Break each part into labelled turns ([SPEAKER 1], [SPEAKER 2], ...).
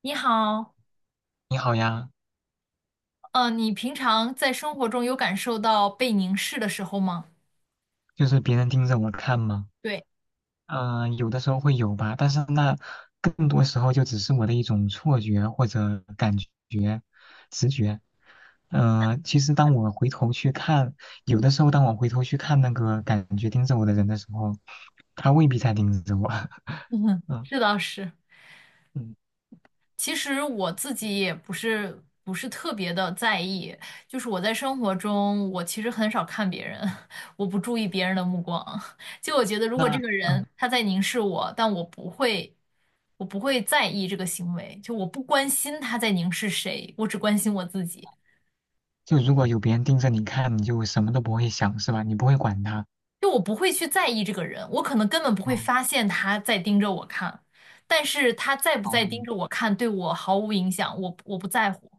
[SPEAKER 1] 你好，
[SPEAKER 2] 你好呀。
[SPEAKER 1] 你平常在生活中有感受到被凝视的时候吗？
[SPEAKER 2] 就是别人盯着我看吗？
[SPEAKER 1] 对。
[SPEAKER 2] 嗯、有的时候会有吧，但是那更多时候就只是我的一种错觉或者感觉、直觉。嗯，其实当我回头去看，有的时候当我回头去看那个感觉盯着我的人的时候，他未必在盯着我。
[SPEAKER 1] 嗯，
[SPEAKER 2] 嗯
[SPEAKER 1] 这倒是。
[SPEAKER 2] 嗯，
[SPEAKER 1] 其实我自己也不是特别的在意，就是我在生活中，我其实很少看别人。我不注意别人的目光。就我觉得，如果这
[SPEAKER 2] 那
[SPEAKER 1] 个人他在凝视我，但我不会在意这个行为，就我不关心他在凝视谁，我只关心我自己。
[SPEAKER 2] 就如果有别人盯着你看，你就什么都不会想，是吧？你不会管他。
[SPEAKER 1] 就我不会去在意这个人，我可能根本不会
[SPEAKER 2] 哦
[SPEAKER 1] 发现他在盯着我看，但是他在不
[SPEAKER 2] 哦，
[SPEAKER 1] 在盯
[SPEAKER 2] 嗯
[SPEAKER 1] 着我看对我毫无影响，我不在乎。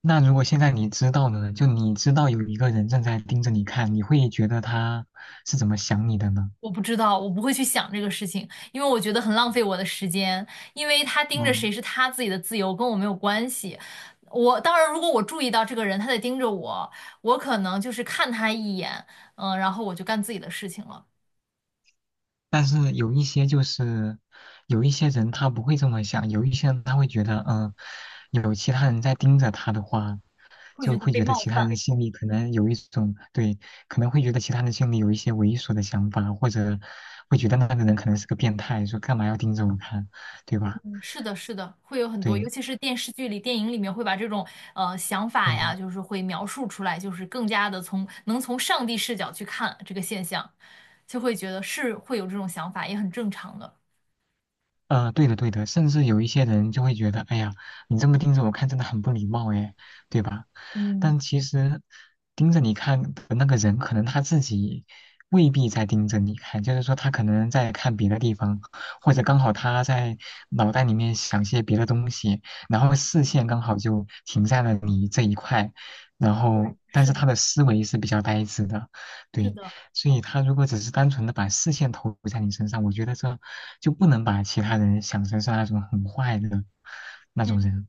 [SPEAKER 2] 那如果现在你知道了呢，就你知道有一个人正在盯着你看，你会觉得他是怎么想你的呢？
[SPEAKER 1] 我不知道，我不会去想这个事情，因为我觉得很浪费我的时间，因为他盯着
[SPEAKER 2] 嗯，
[SPEAKER 1] 谁是他自己的自由，跟我没有关系。我当然，如果我注意到这个人他在盯着我，我可能就是看他一眼，嗯，然后我就干自己的事情了。
[SPEAKER 2] 但是有一些就是有一些人他不会这么想，有一些人他会觉得，有其他人在盯着他的话，
[SPEAKER 1] 会觉
[SPEAKER 2] 就
[SPEAKER 1] 得
[SPEAKER 2] 会
[SPEAKER 1] 被
[SPEAKER 2] 觉得
[SPEAKER 1] 冒
[SPEAKER 2] 其他
[SPEAKER 1] 犯。
[SPEAKER 2] 人心里可能有一种对，可能会觉得其他人心里有一些猥琐的想法，或者会觉得那个人可能是个变态，说干嘛要盯着我看，对吧？
[SPEAKER 1] 是的，是的，会有很多，尤
[SPEAKER 2] 对。
[SPEAKER 1] 其是电视剧里、电影里面会把这种想法呀，
[SPEAKER 2] 嗯。
[SPEAKER 1] 就是会描述出来，就是更加的从能从上帝视角去看这个现象，就会觉得是会有这种想法，也很正常的。
[SPEAKER 2] 对的，对的，甚至有一些人就会觉得，哎呀，你这么盯着我看，真的很不礼貌，哎，对吧？
[SPEAKER 1] 嗯。
[SPEAKER 2] 但其实盯着你看的那个人，可能他自己未必在盯着你看，就是说他可能在看别的地方，或者刚好他在脑袋里面想些别的东西，然后视线刚好就停在了你这一块，然
[SPEAKER 1] 对。
[SPEAKER 2] 后但
[SPEAKER 1] 是
[SPEAKER 2] 是他
[SPEAKER 1] 的，
[SPEAKER 2] 的思维是比较呆滞的，
[SPEAKER 1] 是
[SPEAKER 2] 对，
[SPEAKER 1] 的。
[SPEAKER 2] 所以他如果只是单纯的把视线投在你身上，我觉得这就不能把其他人想成是那种很坏的那种
[SPEAKER 1] 嗯，
[SPEAKER 2] 人。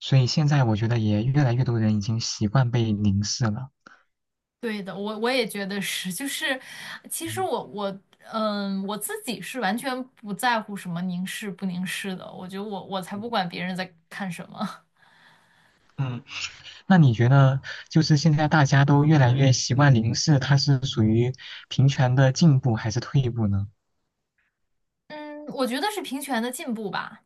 [SPEAKER 2] 所以现在我觉得也越来越多人已经习惯被凝视了。
[SPEAKER 1] 对的，我也觉得是，就是其实
[SPEAKER 2] 嗯
[SPEAKER 1] 我我嗯我自己是完全不在乎什么凝视不凝视的，我觉得我才不管别人在看什么。
[SPEAKER 2] 嗯，那你觉得就是现在大家都越来越习惯凝视，它是属于平权的进步还是退步呢？
[SPEAKER 1] 嗯，我觉得是平权的进步吧。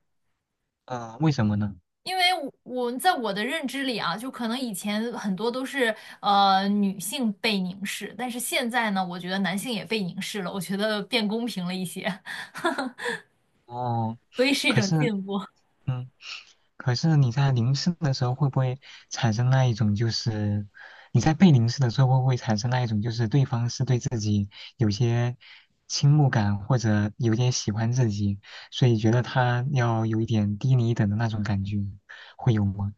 [SPEAKER 2] 嗯、为什么呢？
[SPEAKER 1] 因为我在我的认知里啊，就可能以前很多都是女性被凝视，但是现在呢，我觉得男性也被凝视了，我觉得变公平了一些。
[SPEAKER 2] 哦，
[SPEAKER 1] 所以是一
[SPEAKER 2] 可
[SPEAKER 1] 种
[SPEAKER 2] 是
[SPEAKER 1] 进步。
[SPEAKER 2] 嗯。可是你在凝视的时候，会不会产生那一种就是你在被凝视的时候，会不会产生那一种就是对方是对自己有些倾慕感，或者有点喜欢自己，所以觉得他要有一点低你一等的那种感觉，会有吗？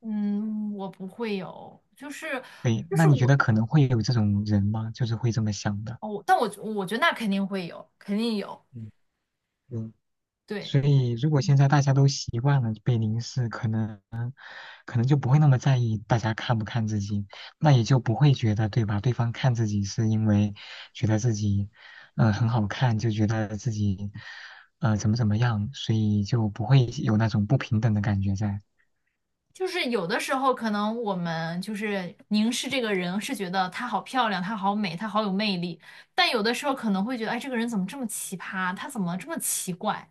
[SPEAKER 1] 嗯，我不会有。就是
[SPEAKER 2] 对，
[SPEAKER 1] 就
[SPEAKER 2] 那
[SPEAKER 1] 是
[SPEAKER 2] 你觉
[SPEAKER 1] 我
[SPEAKER 2] 得可能会有这种人吗？就是会这么想的。
[SPEAKER 1] 哦，但我我觉得那肯定会有，肯定有。
[SPEAKER 2] 嗯嗯，所
[SPEAKER 1] 对。
[SPEAKER 2] 以如果现在大家都习惯了被凝视，可能。可能就不会那么在意大家看不看自己，那也就不会觉得，对吧？对方看自己是因为觉得自己，嗯、很好看，就觉得自己，怎么怎么样，所以就不会有那种不平等的感觉在。
[SPEAKER 1] 就是有的时候可能我们就是凝视这个人，是觉得她好漂亮，她好美，她好有魅力，但有的时候可能会觉得，哎，这个人怎么这么奇葩？他怎么这么奇怪？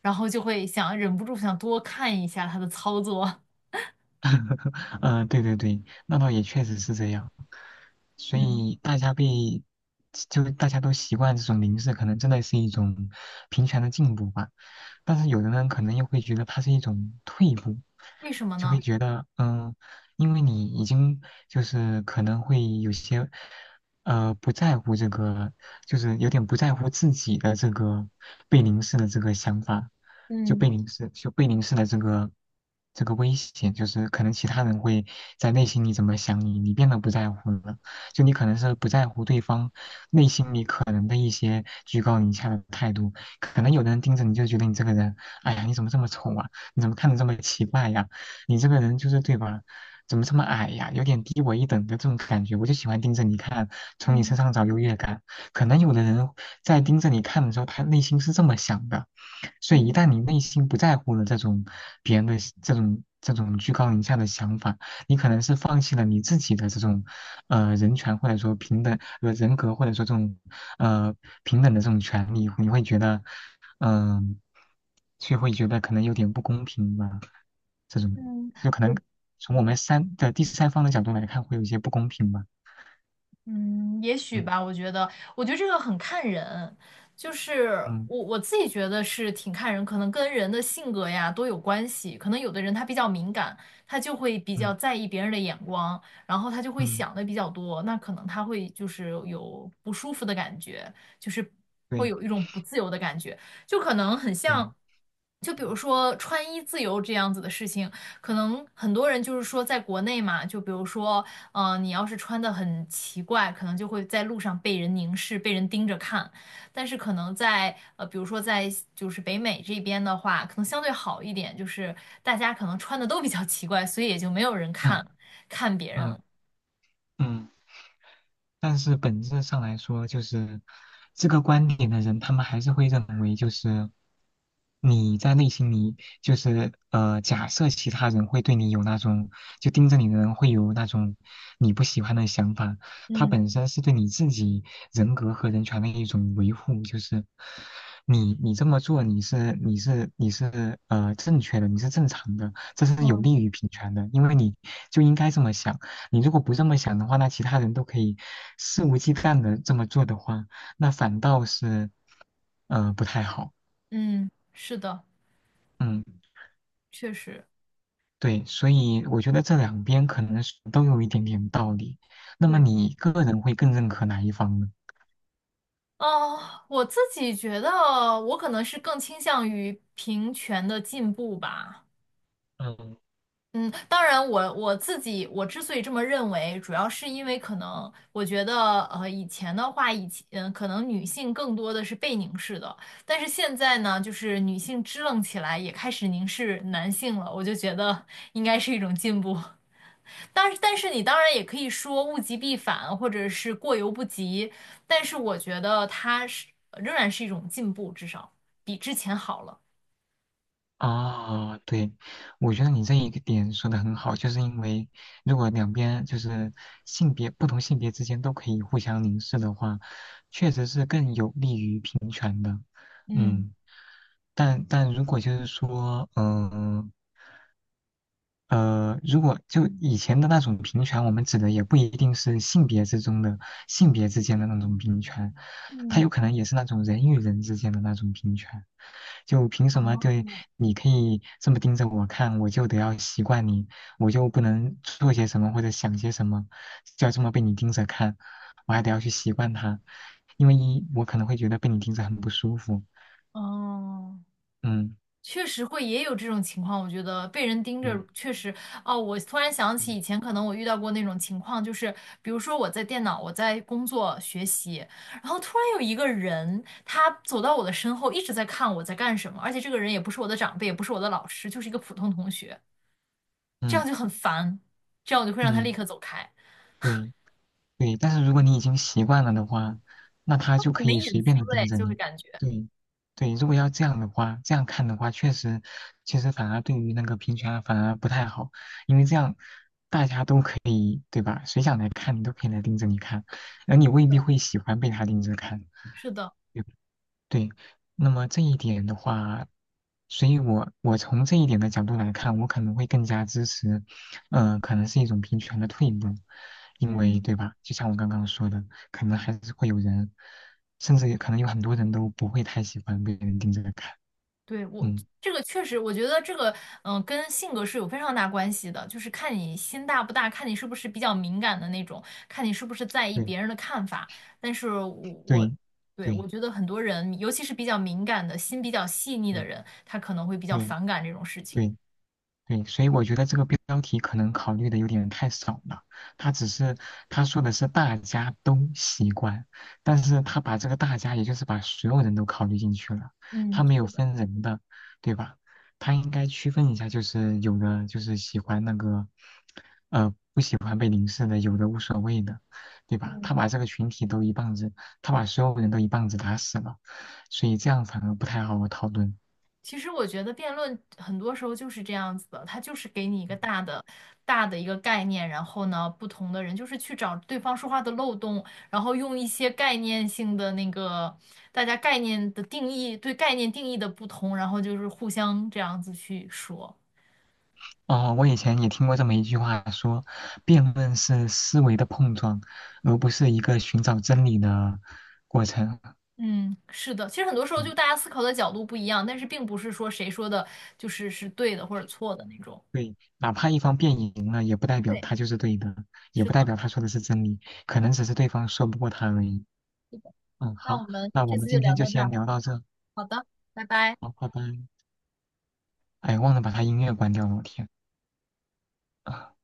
[SPEAKER 1] 然后就会想忍不住想多看一下他的操作。
[SPEAKER 2] 嗯、对对对，那倒也确实是这样。所
[SPEAKER 1] 嗯，
[SPEAKER 2] 以大家被，就大家都习惯这种凝视，可能真的是一种平权的进步吧。但是有的人可能又会觉得它是一种退步，
[SPEAKER 1] 为什么
[SPEAKER 2] 就会
[SPEAKER 1] 呢？
[SPEAKER 2] 觉得，嗯，因为你已经就是可能会有些，不在乎这个，就是有点不在乎自己的这个被凝视的这个想法，就
[SPEAKER 1] 嗯。
[SPEAKER 2] 被凝视，就被凝视的这个。这个危险就是可能其他人会在内心里怎么想你，你变得不在乎了。就你可能是不在乎对方内心里可能的一些居高临下的态度，可能有的人盯着你就觉得你这个人，哎呀，你怎么这么丑啊？你怎么看的这么奇怪呀？你这个人就是对吧？怎么这么矮呀？有点低我一等的这种感觉，我就喜欢盯着你看，从你
[SPEAKER 1] 嗯。
[SPEAKER 2] 身上找优越感。可能有的人在盯着你看的时候，他内心是这么想的，所以一
[SPEAKER 1] 嗯。
[SPEAKER 2] 旦你内心不在乎了这种别人的这种居高临下的想法，你可能是放弃了你自己的这种人权或者说平等人格或者说这种呃平等的这种权利，你会觉得嗯、就会觉得可能有点不公平吧？这种
[SPEAKER 1] 嗯。
[SPEAKER 2] 就可能
[SPEAKER 1] 我
[SPEAKER 2] 从我
[SPEAKER 1] 我。
[SPEAKER 2] 们三的第三方的角度来看，会有一些不公平吧？
[SPEAKER 1] 嗯，也许
[SPEAKER 2] 嗯
[SPEAKER 1] 吧，我觉得，我觉得这个很看人。就是
[SPEAKER 2] 嗯
[SPEAKER 1] 我自己觉得是挺看人，可能跟人的性格呀都有关系。可能有的人他比较敏感，他就会比较
[SPEAKER 2] 嗯
[SPEAKER 1] 在意别人的眼光，然后他就会
[SPEAKER 2] 嗯，
[SPEAKER 1] 想的比较多，那可能他会就是有不舒服的感觉，就是会
[SPEAKER 2] 对
[SPEAKER 1] 有一种不自由的感觉，就可能很
[SPEAKER 2] 对，
[SPEAKER 1] 像。就比如说穿衣自由这样子的事情，可能很多人就是说，在国内嘛，就比如说，嗯，你要是穿的很奇怪，可能就会在路上被人凝视、被人盯着看。但是可能在比如说在就是北美这边的话，可能相对好一点，就是大家可能穿的都比较奇怪，所以也就没有人 看
[SPEAKER 2] 啊
[SPEAKER 1] 看别人了。
[SPEAKER 2] 嗯嗯。但是本质上来说，就是这个观点的人，他们还是会认为，就是你在内心里，就是,假设其他人会对你有那种，就盯着你的人会有那种你不喜欢的想法，它
[SPEAKER 1] 嗯。
[SPEAKER 2] 本身是对你自己人格和人权的一种维护，就是你这么做，你是正确的，你是正常的，这是有
[SPEAKER 1] 嗯。
[SPEAKER 2] 利于平权的，因为你就应该这么想。你如果不这么想的话，那其他人都可以肆无忌惮的这么做的话，那反倒是不太好。
[SPEAKER 1] 嗯，是的，
[SPEAKER 2] 嗯，
[SPEAKER 1] 确实。
[SPEAKER 2] 对，所以我觉得这两边可能是都有一点点道理。那么
[SPEAKER 1] 对。
[SPEAKER 2] 你个人会更认可哪一方呢？
[SPEAKER 1] 哦，我自己觉得我可能是更倾向于平权的进步吧。
[SPEAKER 2] 嗯
[SPEAKER 1] 嗯，当然我自己我之所以这么认为，主要是因为可能我觉得，呃，以前的话，以前可能女性更多的是被凝视的，但是现在呢，就是女性支棱起来，也开始凝视男性了，我就觉得应该是一种进步。但是你当然也可以说物极必反，或者是过犹不及，但是我觉得它是仍然是一种进步，至少比之前好了。
[SPEAKER 2] 啊，对，我觉得你这一个点说的很好，就是因为如果两边就是性别不同性别之间都可以互相凝视的话，确实是更有利于平权的。
[SPEAKER 1] 嗯。
[SPEAKER 2] 嗯。但但如果就是说，如果就以前的那种平权，我们指的也不一定是性别之中的性别之间的那种平权，它
[SPEAKER 1] 嗯。
[SPEAKER 2] 有可能也是那种人与人之间的那种平权。就凭什么对
[SPEAKER 1] 哦。
[SPEAKER 2] 你可以这么盯着我看，我就得要习惯你，我就不能做些什么或者想些什么，就要这么被你盯着看，我还得要去习惯它，因为一我可能会觉得被你盯着很不舒服。
[SPEAKER 1] 哦。
[SPEAKER 2] 嗯
[SPEAKER 1] 确实会也有这种情况，我觉得被人盯着
[SPEAKER 2] 嗯
[SPEAKER 1] 确实哦。我突然想起以
[SPEAKER 2] 嗯
[SPEAKER 1] 前可能我遇到过那种情况，就是比如说我在工作学习，然后突然有一个人他走到我的身后，一直在看我在干什么，而且这个人也不是我的长辈，也不是我的老师，就是一个普通同学，这样
[SPEAKER 2] 嗯。
[SPEAKER 1] 就很烦，这样我就会让他立
[SPEAKER 2] 嗯，
[SPEAKER 1] 刻走开，
[SPEAKER 2] 对对，但是如果你已经习惯了的话，那他就
[SPEAKER 1] 很
[SPEAKER 2] 可
[SPEAKER 1] 没
[SPEAKER 2] 以
[SPEAKER 1] 隐
[SPEAKER 2] 随
[SPEAKER 1] 私
[SPEAKER 2] 便的
[SPEAKER 1] 哎，
[SPEAKER 2] 盯着
[SPEAKER 1] 就会
[SPEAKER 2] 你。
[SPEAKER 1] 感觉
[SPEAKER 2] 对对，如果要这样的话，这样看的话，确实，其实反而对于那个平权啊反而不太好，因为这样大家都可以，对吧？谁想来看你都可以来盯着你看，而你
[SPEAKER 1] 是
[SPEAKER 2] 未必
[SPEAKER 1] 的，
[SPEAKER 2] 会喜欢被他盯着看。
[SPEAKER 1] 是的。
[SPEAKER 2] 对，那么这一点的话，所以我从这一点的角度来看，我可能会更加支持，可能是一种平权的退步，因为
[SPEAKER 1] 嗯。
[SPEAKER 2] 对吧？就像我刚刚说的，可能还是会有人，甚至可能有很多人都不会太喜欢被人盯着看。
[SPEAKER 1] 对，
[SPEAKER 2] 嗯，
[SPEAKER 1] 这个确实，我觉得这个，嗯、跟性格是有非常大关系的，就是看你心大不大，看你是不是比较敏感的那种，看你是不是在意
[SPEAKER 2] 对
[SPEAKER 1] 别人的看法。但是我我，
[SPEAKER 2] 对
[SPEAKER 1] 对，我
[SPEAKER 2] 对
[SPEAKER 1] 觉得很多人，尤其是比较敏感的心比较细腻的
[SPEAKER 2] 对
[SPEAKER 1] 人，他可能会比较
[SPEAKER 2] 对
[SPEAKER 1] 反感这种事情。
[SPEAKER 2] 对，对，所以我觉得这个标题可能考虑的有点太少了。他只是他说的是大家都习惯，但是他把这个大家，也就是把所有人都考虑进去了，
[SPEAKER 1] 嗯，
[SPEAKER 2] 他没有
[SPEAKER 1] 是的。
[SPEAKER 2] 分人的，对吧？他应该区分一下，就是有的就是喜欢那个，不喜欢被凝视的，有的无所谓的，对吧？他
[SPEAKER 1] 嗯。
[SPEAKER 2] 把这个群体都一棒子，他把所有人都一棒子打死了，所以这样反而不太好讨论。
[SPEAKER 1] 其实我觉得辩论很多时候就是这样子的，它就是给你一个大的一个概念，然后呢，不同的人就是去找对方说话的漏洞，然后用一些概念性的那个大家概念的定义，对概念定义的不同，然后就是互相这样子去说。
[SPEAKER 2] 哦，我以前也听过这么一句话说，辩论是思维的碰撞，而不是一个寻找真理的过程。
[SPEAKER 1] 嗯，是的，其实很多时候就
[SPEAKER 2] 嗯，
[SPEAKER 1] 大家思考的角度不一样，但是并不是说谁说的是对的或者错的那种。
[SPEAKER 2] 对，哪怕一方辩赢了，也不代表
[SPEAKER 1] 对，
[SPEAKER 2] 他就是对的，也
[SPEAKER 1] 是
[SPEAKER 2] 不代
[SPEAKER 1] 的，
[SPEAKER 2] 表他说的是真理，可能只是对方说不过他而已。
[SPEAKER 1] 是的。
[SPEAKER 2] 嗯，
[SPEAKER 1] 那
[SPEAKER 2] 好，
[SPEAKER 1] 我们
[SPEAKER 2] 那我
[SPEAKER 1] 这
[SPEAKER 2] 们
[SPEAKER 1] 次就
[SPEAKER 2] 今
[SPEAKER 1] 聊
[SPEAKER 2] 天就
[SPEAKER 1] 到这
[SPEAKER 2] 先
[SPEAKER 1] 儿。
[SPEAKER 2] 聊到这，
[SPEAKER 1] 好的。拜拜。
[SPEAKER 2] 好，拜拜。哎，忘了把他音乐关掉了，我天。啊